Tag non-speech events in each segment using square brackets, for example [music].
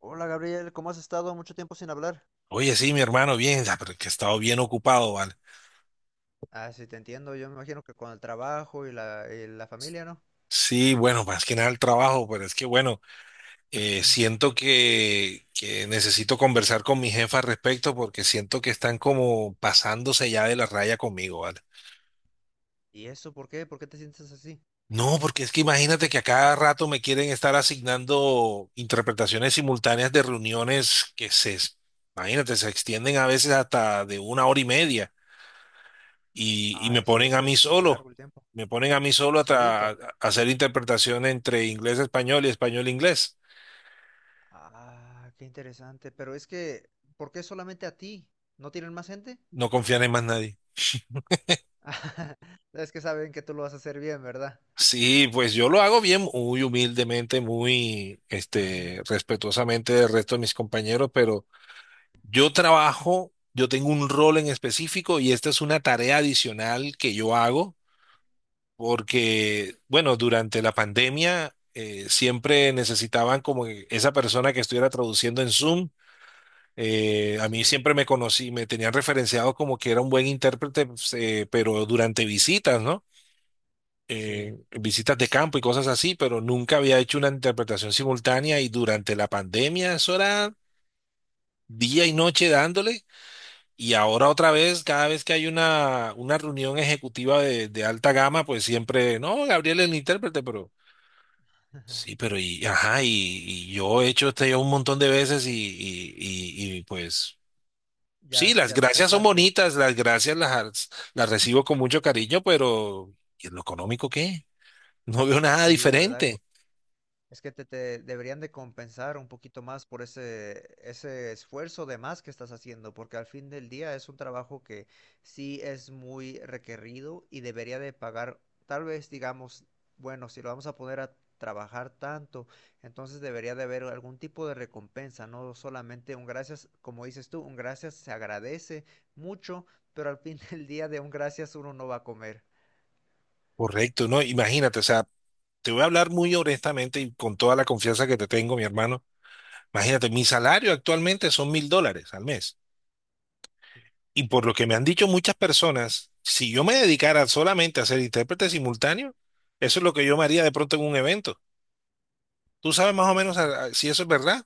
Hola Gabriel, ¿cómo has estado? Mucho tiempo sin hablar. Oye, sí, mi hermano, bien, pero que he estado bien ocupado, ¿vale? Ah, sí, te entiendo. Yo me imagino que con el trabajo y la familia, ¿no? Sí, bueno, más que nada el trabajo, pero es que bueno, siento que necesito conversar con mi jefa al respecto porque siento que están como pasándose ya de la raya conmigo, ¿vale? ¿Y eso por qué? ¿Por qué te sientes así? No, porque es que imagínate que a cada rato me quieren estar asignando interpretaciones simultáneas de reuniones imagínate, se extienden a veces hasta de una hora y media. Y me Ay, sí, ponen es a que mí es muy solo, largo el tiempo. me ponen a mí solo ¿Solito? a hacer interpretación entre inglés-español y español-inglés. Ah, qué interesante. Pero es que, ¿por qué solamente a ti? ¿No tienen más gente? No confían en más nadie. [laughs] Es que saben que tú lo vas a hacer bien, ¿verdad? Sí, pues yo lo hago bien, muy humildemente, muy [laughs] respetuosamente del resto de mis compañeros, pero yo trabajo, yo tengo un rol en específico y esta es una tarea adicional que yo hago porque, bueno, durante la pandemia siempre necesitaban como que esa persona que estuviera traduciendo en Zoom. A Sí, mí siempre me conocí, me tenían referenciado como que era un buen intérprete, pues, pero durante visitas, ¿no? sí. Visitas de campo y cosas así, pero nunca había hecho una interpretación simultánea y durante la pandemia eso era día y noche dándole. Y ahora otra vez, cada vez que hay una reunión ejecutiva de alta gama, pues siempre, no, Gabriel es el intérprete, pero sí, [laughs] ajá, y yo he hecho este un montón de veces pues... Sí, Ya, las ya te gracias son cansaste. bonitas, las gracias las recibo con mucho cariño, pero ¿y en lo económico qué? No veo nada Sí, ¿verdad? diferente. Es que te deberían de compensar un poquito más por ese, ese esfuerzo de más que estás haciendo, porque al fin del día es un trabajo que sí es muy requerido y debería de pagar, tal vez digamos, bueno, si lo vamos a poner a trabajar tanto, entonces debería de haber algún tipo de recompensa, no solamente un gracias, como dices tú, un gracias se agradece mucho, pero al fin del día de un gracias uno no va a comer. Correcto, ¿no? Imagínate, o sea, te voy a hablar muy honestamente y con toda la confianza que te tengo, mi hermano. Imagínate, mi salario actualmente son $1,000 al mes. Y por lo que me han dicho muchas personas, si yo me dedicara solamente a ser intérprete simultáneo, eso es lo que yo me haría de pronto en un evento. ¿Tú sabes más o menos Mm. Si eso es verdad?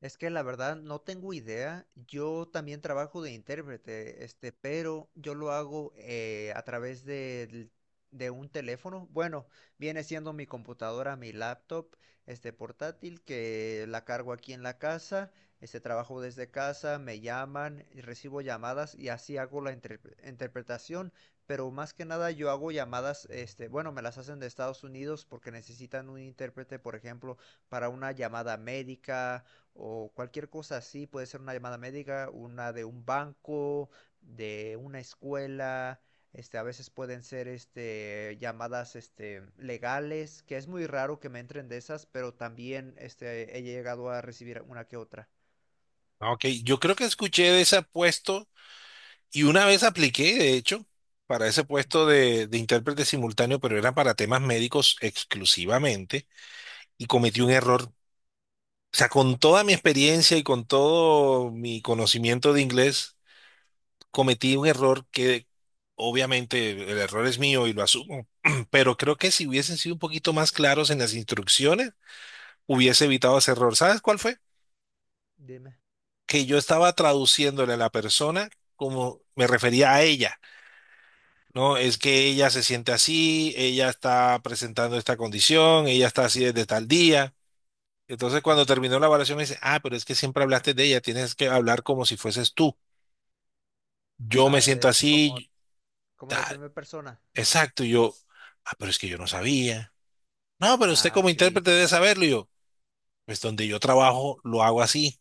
Es que la verdad no tengo idea. Yo también trabajo de intérprete, este, pero yo lo hago a través de un teléfono. Bueno, viene siendo mi computadora, mi laptop, este portátil que la cargo aquí en la casa. Este trabajo desde casa, me llaman, y recibo llamadas y así hago la interpretación. Pero más que nada yo hago llamadas, este, bueno, me las hacen de Estados Unidos porque necesitan un intérprete, por ejemplo, para una llamada médica o cualquier cosa así, puede ser una llamada médica, una de un banco, de una escuela, este, a veces pueden ser este llamadas este legales, que es muy raro que me entren de esas, pero también este he llegado a recibir una que otra. Ah, OK, yo creo que escuché de ese puesto y una vez apliqué, de hecho, para ese Ujú. puesto de intérprete simultáneo, pero era para temas médicos exclusivamente y Sí. cometí un error. O sea, con toda mi experiencia y con todo mi conocimiento de inglés, cometí un error que obviamente el error es mío y lo asumo, [clears throat] pero creo que si hubiesen sido un poquito más claros en las instrucciones, hubiese evitado ese error. ¿Sabes cuál fue? Dime. Que yo estaba traduciéndole a la persona como me refería a ella. No, es que ella se siente así, ella está presentando esta condición, ella está así desde tal día. Entonces, Ujú. cuando terminó la evaluación, me dice, ah, pero es que siempre hablaste de ella, tienes que hablar como si fueses tú. Yo me Ah, siento de, como, así, como de ah, primera persona. exacto, y yo, ah, pero es que yo no sabía. No, pero usted Ah, como sí, intérprete sí, debe sí. saberlo, y yo, pues donde yo trabajo lo hago así.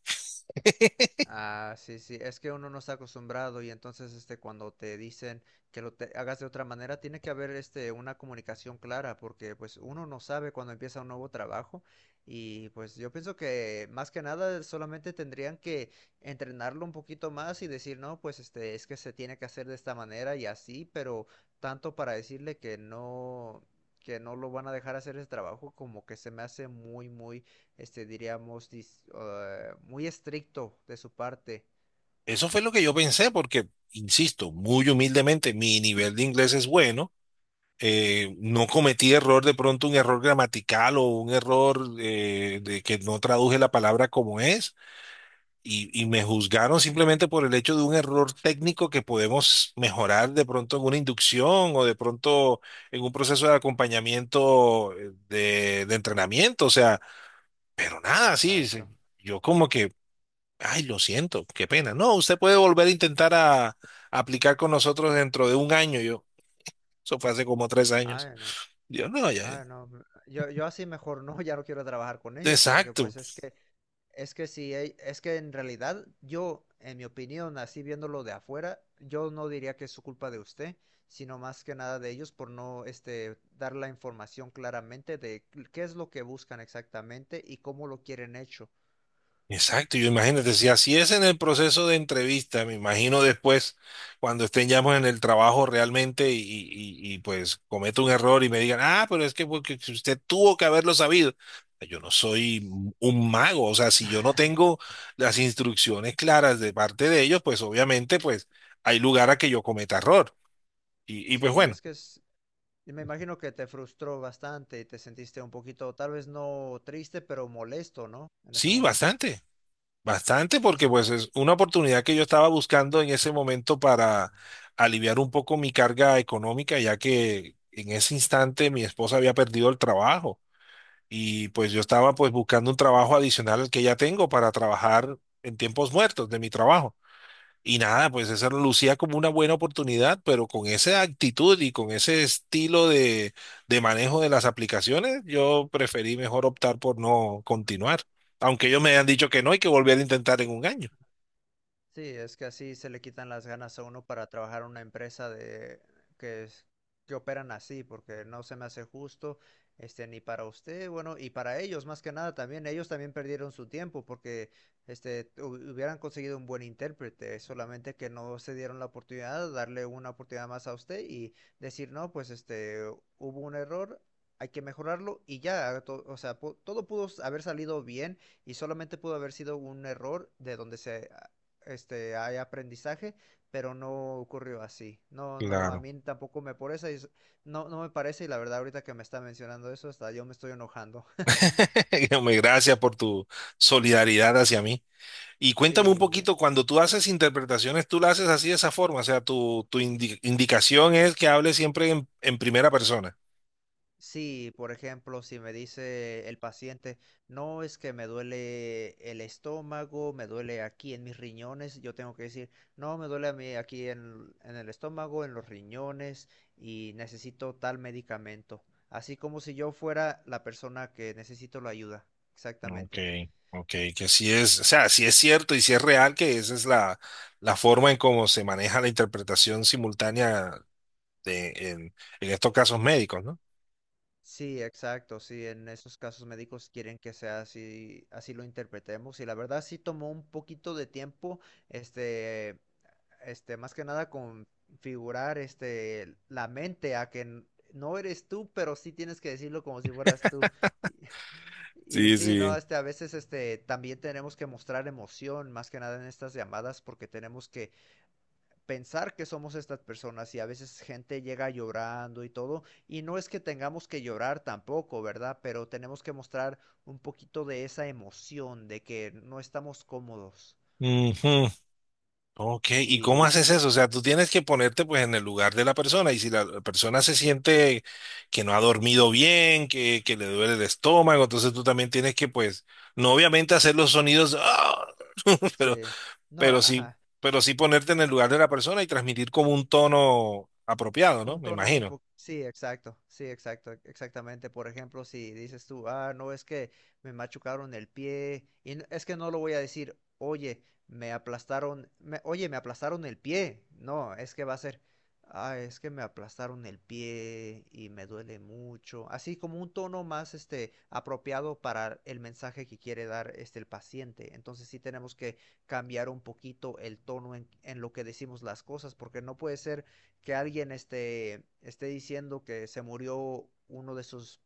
Ah, sí, sí, es que uno no está acostumbrado y entonces este cuando te dicen que lo hagas de otra manera, tiene que haber este una comunicación clara porque pues uno no sabe cuando empieza un nuevo trabajo y pues yo pienso que más que nada solamente tendrían que entrenarlo un poquito más y decir, "No, pues este es que se tiene que hacer de esta manera y así", pero tanto para decirle que no lo van a dejar hacer ese trabajo como que se me hace muy muy este, diríamos, muy estricto de su parte. Eso fue lo que yo pensé, porque, insisto, muy humildemente, mi nivel de inglés es bueno. Ujú. No cometí error, de pronto un error gramatical o un error de que no traduje la palabra como es, y me juzgaron simplemente por el hecho de un error técnico que podemos mejorar de pronto en una inducción o de pronto en un proceso de acompañamiento de entrenamiento, o sea, pero nada, sí, sí, Exacto. yo como que, ay, lo siento, qué pena. No, usted puede volver a intentar a aplicar con nosotros dentro de un año, yo. Eso fue hace como 3 años. Ah, no. Yo no, ya. Ah, no. Yo, yo así mejor no, [laughs] ya no quiero trabajar con ellos, porque Exacto, pues es que si, es que en realidad yo, en mi opinión, así viéndolo de afuera, yo no diría que es su culpa de usted, sino más que nada de ellos por no, este, dar la información claramente de qué es lo que buscan exactamente y cómo lo quieren hecho. exacto. Yo imagínate, si así es en el proceso de entrevista, me imagino después, cuando estén ya pues, en el trabajo realmente pues cometo un error y me digan, ah, pero es que porque usted tuvo que haberlo sabido. Yo no soy un mago, o sea, si yo no tengo las instrucciones claras de parte de ellos, pues obviamente pues hay lugar a que yo cometa error. Y pues Sí, bueno, es que es, y me imagino que te frustró bastante y te sentiste un poquito, tal vez no triste, pero molesto, ¿no? En ese sí, momento. bastante. Bastante, porque Sí. pues es una oportunidad que yo estaba buscando en ese momento para aliviar un poco mi carga económica, ya que en ese instante mi esposa había perdido el trabajo y pues yo estaba pues buscando un trabajo adicional al que ya tengo para trabajar en tiempos muertos de mi trabajo. Y nada, pues eso lucía como una buena oportunidad, pero con esa actitud y con ese estilo de manejo de las aplicaciones, yo preferí mejor optar por no continuar. Aunque ellos me han dicho que no hay que volver a intentar en un año. Sí, es que así se le quitan las ganas a uno para trabajar en una empresa de que que operan así, porque no se me hace justo, este, ni para usted, bueno, y para ellos más que nada también, ellos también perdieron su tiempo porque este hubieran conseguido un buen intérprete, solamente que no se dieron la oportunidad de darle una oportunidad más a usted y decir, "No, pues este hubo un error, hay que mejorarlo" y ya, o sea, todo pudo haber salido bien y solamente pudo haber sido un error de donde se este, hay aprendizaje, pero no ocurrió así. No, no, a Claro. mí tampoco me parece, no, no me parece, y la verdad ahorita que me está mencionando eso, hasta yo me estoy enojando. [laughs] [laughs] Hombre, gracias por tu solidaridad hacia mí. Y cuéntame un Sí, poquito, cuando tú haces interpretaciones, tú las haces así de esa forma, o sea, tu indicación es que hables siempre en primera persona. sí, por ejemplo, si me dice el paciente, no es que me duele el estómago, me duele aquí en mis riñones, yo tengo que decir, no, me duele a mí aquí en el estómago, en los riñones y necesito tal medicamento. Así como si yo fuera la persona que necesito la ayuda. OK, Exactamente. OK, que sí es, o sea, sí es cierto y sí es real que esa es la forma en cómo se maneja la interpretación simultánea de, en, en estos casos médicos, ¿no? Sí, exacto, sí, en esos casos médicos quieren que sea así, así lo interpretemos y la verdad sí tomó un poquito de tiempo, este, este, más que nada configurar, este, la mente a que no eres tú, pero sí tienes que decirlo como si fueras tú. Y, y Sí, sí, no, sí. este, a veces, este, también tenemos que mostrar emoción, más que nada en estas llamadas, porque tenemos que pensar que somos estas personas y a veces gente llega llorando y todo, y no es que tengamos que llorar tampoco, ¿verdad? Pero tenemos que mostrar un poquito de esa emoción de que no estamos cómodos. Ujú. OK, ¿y Sí, cómo haces eso? O sea, tú tienes que ponerte pues en el lugar de la persona y si la persona se siente que no ha dormido bien, que le duele el estómago, entonces tú también tienes que pues, no obviamente hacer los sonidos, ¡ah! [laughs] pero sí. No, pero sí, ajá. pero sí ponerte en el lugar de la persona y transmitir como un tono apropiado, ¿no? Un Me tono un imagino. poco... Sí, exacto, sí, exacto, exactamente. Por ejemplo, si dices tú, ah, no, es que me machucaron el pie, y es que no lo voy a decir, oye, me aplastaron, oye, me aplastaron el pie. No, es que va a ser, ah, es que me aplastaron el pie y me duele mucho. Así como un tono más, este, apropiado para el mensaje que quiere dar, este, el paciente. Entonces sí tenemos que cambiar un poquito el tono en lo que decimos las cosas, porque no puede ser que alguien esté, esté diciendo que se murió uno de sus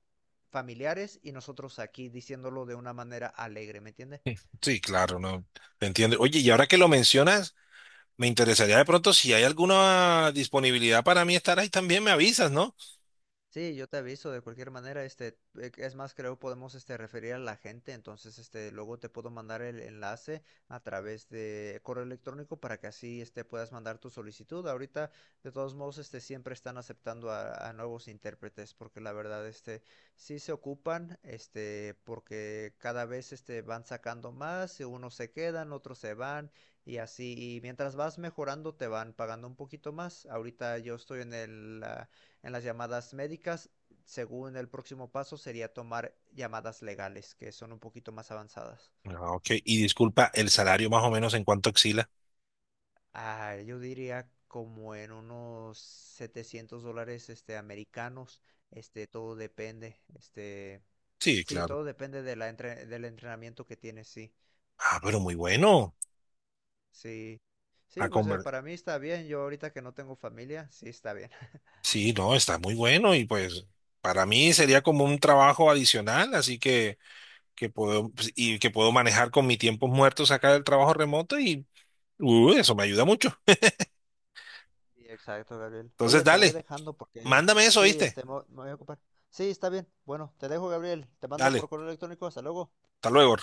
familiares y nosotros aquí diciéndolo de una manera alegre, ¿me entiendes? Sí, claro, no, te entiendo. Oye, y ahora que lo mencionas, me interesaría de pronto si hay alguna disponibilidad para mí estar ahí, también me avisas, ¿no? Sí, yo te aviso de cualquier manera, este, es más, creo podemos este referir a la gente, entonces este luego te puedo mandar el enlace a través de correo electrónico para que así este puedas mandar tu solicitud. Ahorita, de todos modos, este siempre están aceptando a nuevos intérpretes porque la verdad este sí se ocupan, este porque cada vez este van sacando más, y unos se quedan, otros se van y así y mientras vas mejorando te van pagando un poquito más. Ahorita yo estoy en el ah, en las llamadas médicas, según el próximo paso sería tomar llamadas legales, que son un poquito más avanzadas. Ah, OK, y disculpa, el salario más o menos en cuánto oscila. Ah, yo diría como en unos $700 este, americanos. Este, todo depende. Este, Sí, sí, claro. todo depende de la del entrenamiento que tienes, sí. Ah, pero muy bueno. Sí. A Sí, pues conver- para mí está bien. Yo ahorita que no tengo familia, sí está bien. Sí, no, está muy bueno y pues para mí sería como un trabajo adicional, así que puedo pues, y que puedo manejar con mis tiempos muertos acá del trabajo remoto y uy, eso me ayuda mucho. Sí, exacto, Gabriel. Entonces, Oye, te voy dale, dejando porque mándame eso, sí, ¿viste? este, me voy a ocupar. Sí, está bien. Bueno, te dejo, Gabriel. Te mando Dale, por correo electrónico. Hasta luego. hasta luego.